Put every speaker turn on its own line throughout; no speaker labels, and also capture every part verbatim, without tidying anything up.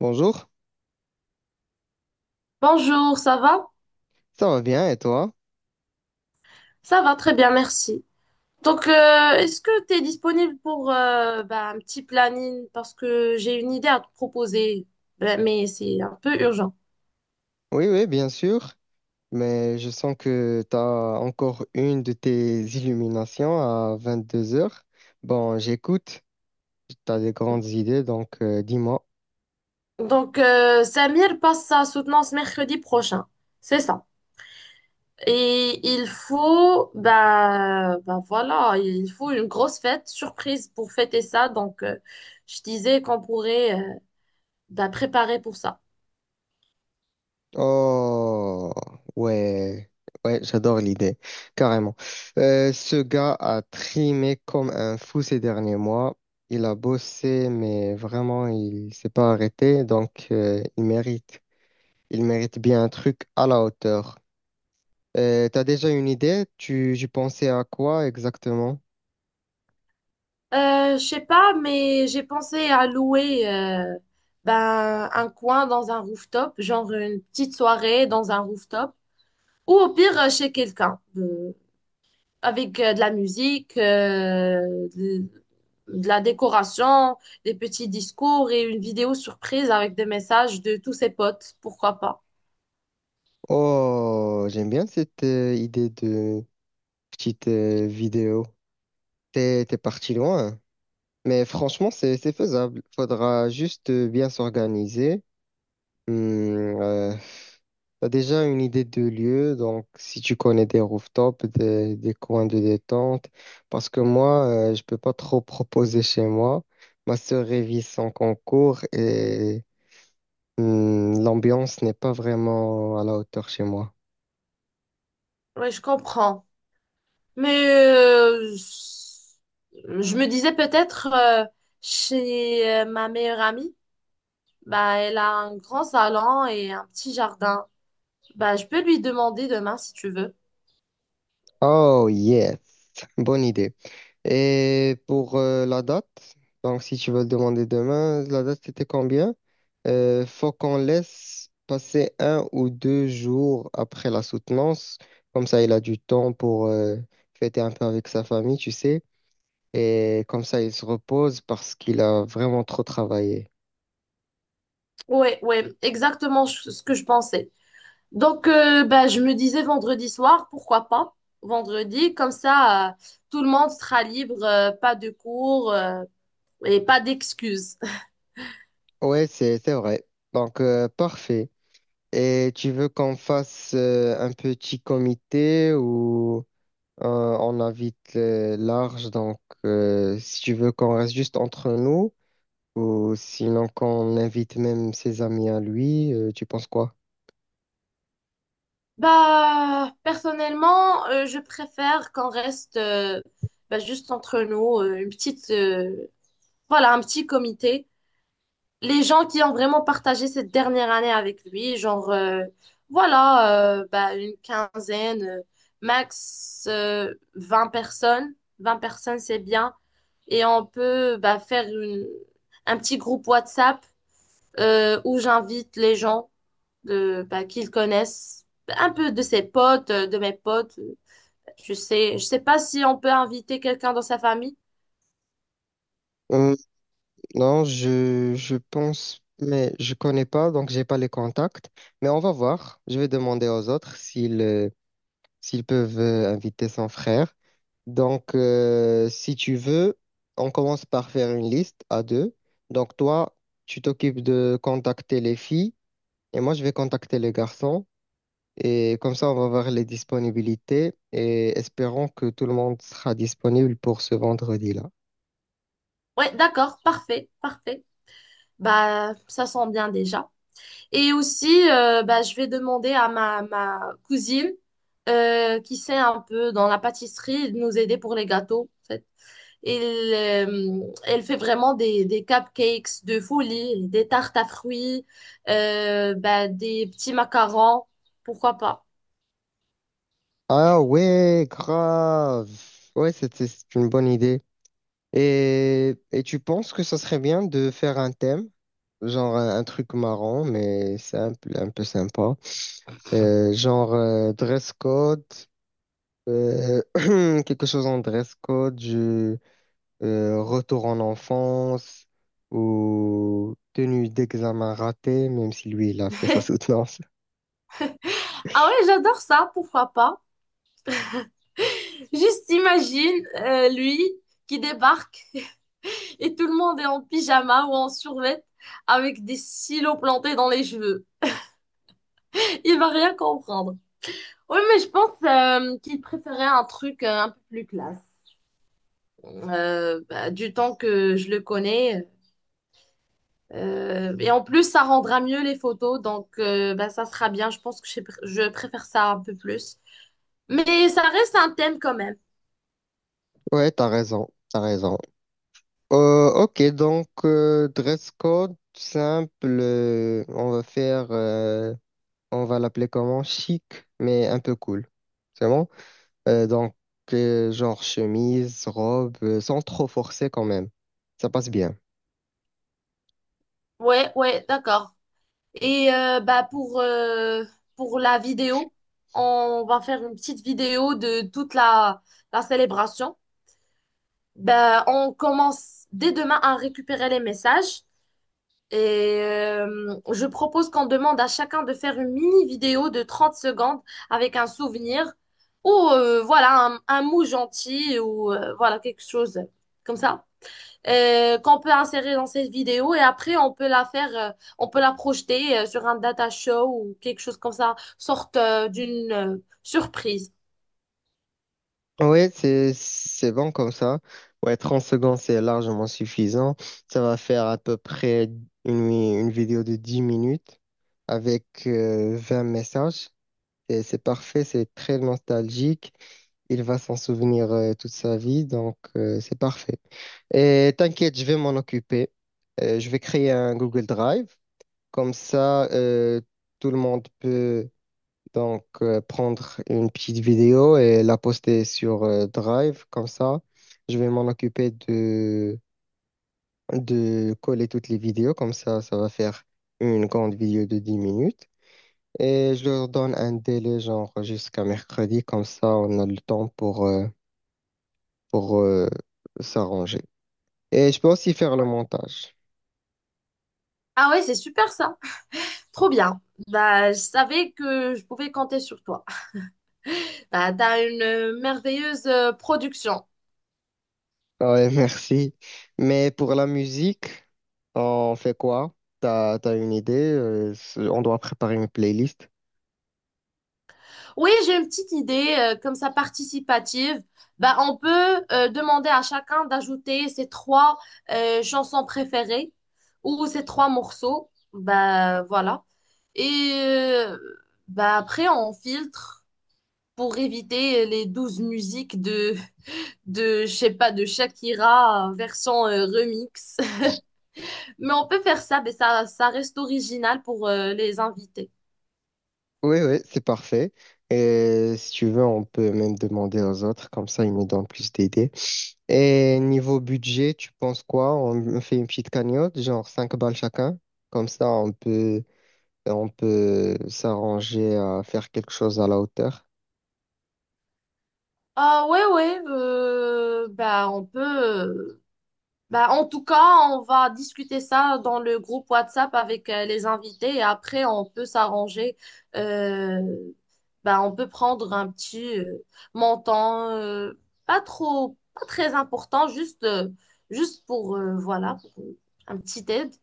Bonjour,
Bonjour, ça va?
ça va bien et toi?
Ça va très bien, merci. Donc, euh, Est-ce que tu es disponible pour euh, bah, un petit planning? Parce que j'ai une idée à te proposer, bah, mais c'est un peu urgent.
Oui, oui, bien sûr, mais je sens que tu as encore une de tes illuminations à vingt-deux heures. Bon, j'écoute, tu as des grandes idées, donc euh, dis-moi.
Donc, euh, Samir passe sa soutenance mercredi prochain. C'est ça. Et il faut, bah, bah voilà, il faut une grosse fête, surprise pour fêter ça. Donc, euh, je disais qu'on pourrait euh, bah, préparer pour ça.
Oh, ouais, ouais, j'adore l'idée, carrément. Euh, ce gars a trimé comme un fou ces derniers mois. Il a bossé, mais vraiment, il s'est pas arrêté, donc euh, il mérite. Il mérite bien un truc à la hauteur. Euh, t'as déjà une idée? Tu, tu pensais à quoi exactement?
Euh, je sais pas, mais j'ai pensé à louer euh, ben, un coin dans un rooftop, genre une petite soirée dans un rooftop, ou au pire euh, chez quelqu'un, euh, avec euh, de la musique, euh, de, de la décoration, des petits discours et une vidéo surprise avec des messages de tous ses potes, pourquoi pas.
Oh, j'aime bien cette euh, idée de petite euh, vidéo. T'es, t'es parti loin. Mais franchement, c'est, c'est faisable. Faudra juste euh, bien s'organiser. Hmm, euh, t'as déjà une idée de lieu, donc si tu connais des rooftops, des, des coins de détente, parce que moi, euh, je peux pas trop proposer chez moi. Ma sœur révise son concours et Hmm, l'ambiance n'est pas vraiment à la hauteur chez moi.
Oui, je comprends. Mais euh, je me disais peut-être euh, chez euh, ma meilleure amie. Bah, elle a un grand salon et un petit jardin. Bah, je peux lui demander demain si tu veux.
Oh yes, bonne idée. Et pour euh, la date, donc si tu veux le demander demain, la date c'était combien? Euh, faut qu'on laisse passer un ou deux jours après la soutenance. Comme ça, il a du temps pour euh, fêter un peu avec sa famille, tu sais. Et comme ça, il se repose parce qu'il a vraiment trop travaillé.
Ouais, ouais, exactement ch- ce que je pensais. Donc, euh, bah, je me disais vendredi soir, pourquoi pas? Vendredi, comme ça, euh, tout le monde sera libre, euh, pas de cours, euh, et pas d'excuses.
Ouais, c'est c'est vrai. Donc, euh, parfait. Et tu veux qu'on fasse euh, un petit comité où euh, on invite euh, large, donc euh, si tu veux qu'on reste juste entre nous, ou sinon qu'on invite même ses amis à lui, euh, tu penses quoi?
Bah, personnellement, euh, je préfère qu'on reste euh, bah, juste entre nous, euh, une petite, euh, voilà, un petit comité. Les gens qui ont vraiment partagé cette dernière année avec lui, genre, euh, voilà, euh, bah, une quinzaine, euh, max euh, vingt personnes. Vingt personnes, c'est bien. Et on peut bah, faire une- un petit groupe WhatsApp euh, où j'invite les gens de, bah, qu'ils connaissent, un peu de ses potes, euh, de mes potes. Je sais, je sais pas si on peut inviter quelqu'un dans sa famille.
Euh, non, je, je pense, mais je connais pas, donc j'ai pas les contacts. Mais on va voir. Je vais demander aux autres s'ils euh, s'ils peuvent euh, inviter son frère. Donc, euh, si tu veux, on commence par faire une liste à deux. Donc, toi, tu t'occupes de contacter les filles et moi, je vais contacter les garçons. Et comme ça, on va voir les disponibilités et espérons que tout le monde sera disponible pour ce vendredi-là.
Ouais, d'accord, parfait, parfait. Bah, ça sent bien déjà. Et aussi, euh, bah, je vais demander à ma, ma cousine euh, qui sait un peu dans la pâtisserie de nous aider pour les gâteaux. En fait. Et le- elle fait vraiment des, des cupcakes de folie, des tartes à fruits, euh, bah, des petits macarons, pourquoi pas.
Ah ouais, grave. Ouais, c'est c'est c'est une bonne idée. Et, et tu penses que ça serait bien de faire un thème, genre un, un truc marrant, mais simple, un peu sympa. Euh, genre euh, dress code, euh, quelque chose en dress code, du euh, retour en enfance ou tenue d'examen ratée, même si lui, il a fait sa soutenance.
Ah ouais, j'adore ça, pourquoi pas. Juste imagine euh, lui qui débarque et tout le monde est en pyjama ou en survêt avec des silos plantés dans les cheveux. Il va rien comprendre. Oui, mais je pense euh, qu'il préférait un truc euh, un peu plus classe. Euh, bah, du temps que je le connais. Euh, et en plus, ça rendra mieux les photos, donc euh, bah, ça sera bien. Je pense que je, pr- je préfère ça un peu plus. Mais ça reste un thème quand même.
Ouais, t'as raison, t'as raison. Euh, ok, donc euh, dress code simple, euh, on va faire... euh, on va l'appeler comment? Chic, mais un peu cool. C'est bon? Euh, donc, euh, genre chemise, robe, euh, sans trop forcer quand même. Ça passe bien.
Ouais, ouais, d'accord. Et euh, bah, pour, euh, pour la vidéo, on va faire une petite vidéo de toute la, la célébration. Bah, on commence dès demain à récupérer les messages. Et euh, je propose qu'on demande à chacun de faire une mini vidéo de trente secondes avec un souvenir ou euh, voilà un, un mot gentil ou euh, voilà quelque chose comme ça euh, qu'on peut insérer dans cette vidéo et après on peut la faire euh, on peut la projeter euh, sur un data show ou quelque chose comme ça sorte euh, d'une euh, surprise.
Oui, c'est, c'est bon comme ça. Ouais, trente secondes, c'est largement suffisant. Ça va faire à peu près une, une vidéo de dix minutes avec euh, vingt messages. Et c'est parfait, c'est très nostalgique. Il va s'en souvenir euh, toute sa vie, donc euh, c'est parfait. Et t'inquiète, je vais m'en occuper. Euh, je vais créer un Google Drive. Comme ça, euh, tout le monde peut donc euh, prendre une petite vidéo et la poster sur euh, Drive. Comme ça, je vais m'en occuper de, de coller toutes les vidéos. Comme ça, ça va faire une grande vidéo de dix minutes. Et je leur donne un délai, genre jusqu'à mercredi. Comme ça, on a le temps pour... euh, pour euh, s'arranger. Et je peux aussi faire le
Ouais.
montage.
Ah ouais, c'est super ça. Trop bien. Bah, je savais que je pouvais compter sur toi. Bah, t'as une euh, merveilleuse euh, production.
Ah Ouais, merci. Mais pour la musique, on fait quoi? T'as, t'as une idée? Euh, c'est- on doit préparer une playlist.
Oui, j'ai une petite idée, euh, comme ça participative. Bah, on peut euh, demander à chacun d'ajouter ses trois euh, chansons préférées ou ses trois morceaux. Bah, voilà. Et euh, bah, après, on filtre pour éviter les douze musiques de, de, je sais pas, de Shakira euh, version euh, remix. Mais on peut faire ça, mais ça, ça reste original pour euh, les invités.
Oui, oui, c'est parfait. Et si tu veux, on peut même demander aux autres, comme ça ils nous donnent plus d'idées. Et niveau budget, tu penses quoi? On fait une petite cagnotte, genre cinq balles chacun. Comme ça, on peut, on peut s'arranger à faire quelque chose à la hauteur.
Ah ouais ouais euh, bah on peut euh, Bah, en tout cas, on va discuter ça dans le groupe WhatsApp avec euh, les invités et après, on peut s'arranger. Euh, Bah, on peut prendre un petit euh, montant, euh, pas trop, pas très important, juste, euh, juste pour, euh, voilà, pour un petit aide.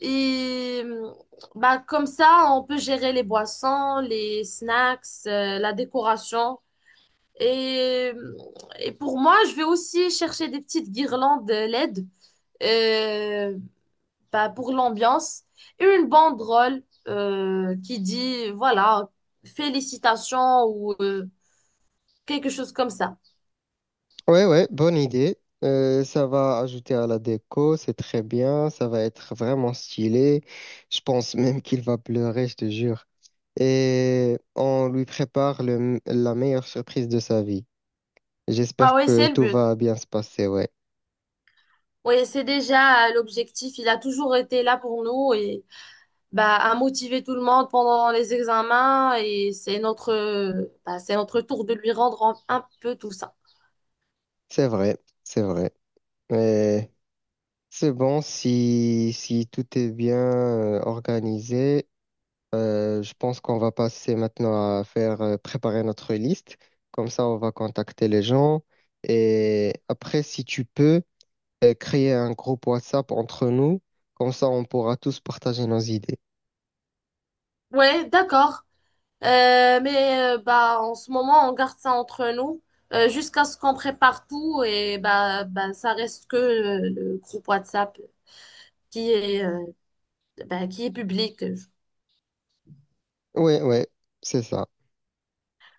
Et euh, bah, comme ça, on peut gérer les boissons, les snacks, euh, la décoration. Et, et pour moi, je vais aussi chercher des petites guirlandes L E D euh, bah, pour l'ambiance et une banderole euh, qui dit, voilà, félicitations ou euh, quelque chose comme ça.
Ouais, ouais, bonne idée. Euh, ça va ajouter à la déco, c'est très bien, ça va être vraiment stylé. Je pense même qu'il va pleurer, je te jure. Et on lui prépare le- la meilleure surprise de sa vie.
Ah
J'espère
oui,
que
c'est le
tout
but.
va bien se passer, ouais.
Oui, c'est déjà l'objectif. Il a toujours été là pour nous et bah, à motiver tout le monde pendant les examens et c'est notre, bah, c'est notre tour de lui rendre un un peu tout ça.
C'est vrai, c'est vrai. Mais c'est bon si, si tout est bien euh, organisé. Euh, je pense qu'on va passer maintenant à faire euh, préparer notre liste. Comme ça, on va contacter les gens. Et après, si tu peux, euh, créer un groupe WhatsApp entre nous. Comme ça, on pourra tous partager nos idées.
Ouais, d'accord. Euh, mais euh, bah, en ce moment, on garde ça entre nous euh, jusqu'à ce qu'on prépare tout et bah, bah, ça reste que euh, le groupe WhatsApp qui est, euh, bah, qui est public.
Oui, oui, c'est ça.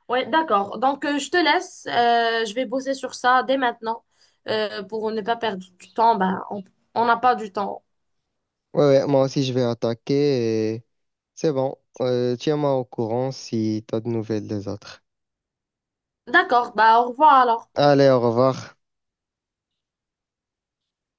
Ouais, d'accord. Donc, euh, je te laisse. Euh, je vais bosser sur ça dès maintenant euh, pour ne pas perdre du temps. Bah, on on n'a pas du temps.
Oui, ouais, ouais, moi aussi, je vais attaquer. Et c'est bon. Euh, tiens-moi au courant si tu as de nouvelles des autres.
D'accord. Bah, au revoir alors.
Allez, au revoir.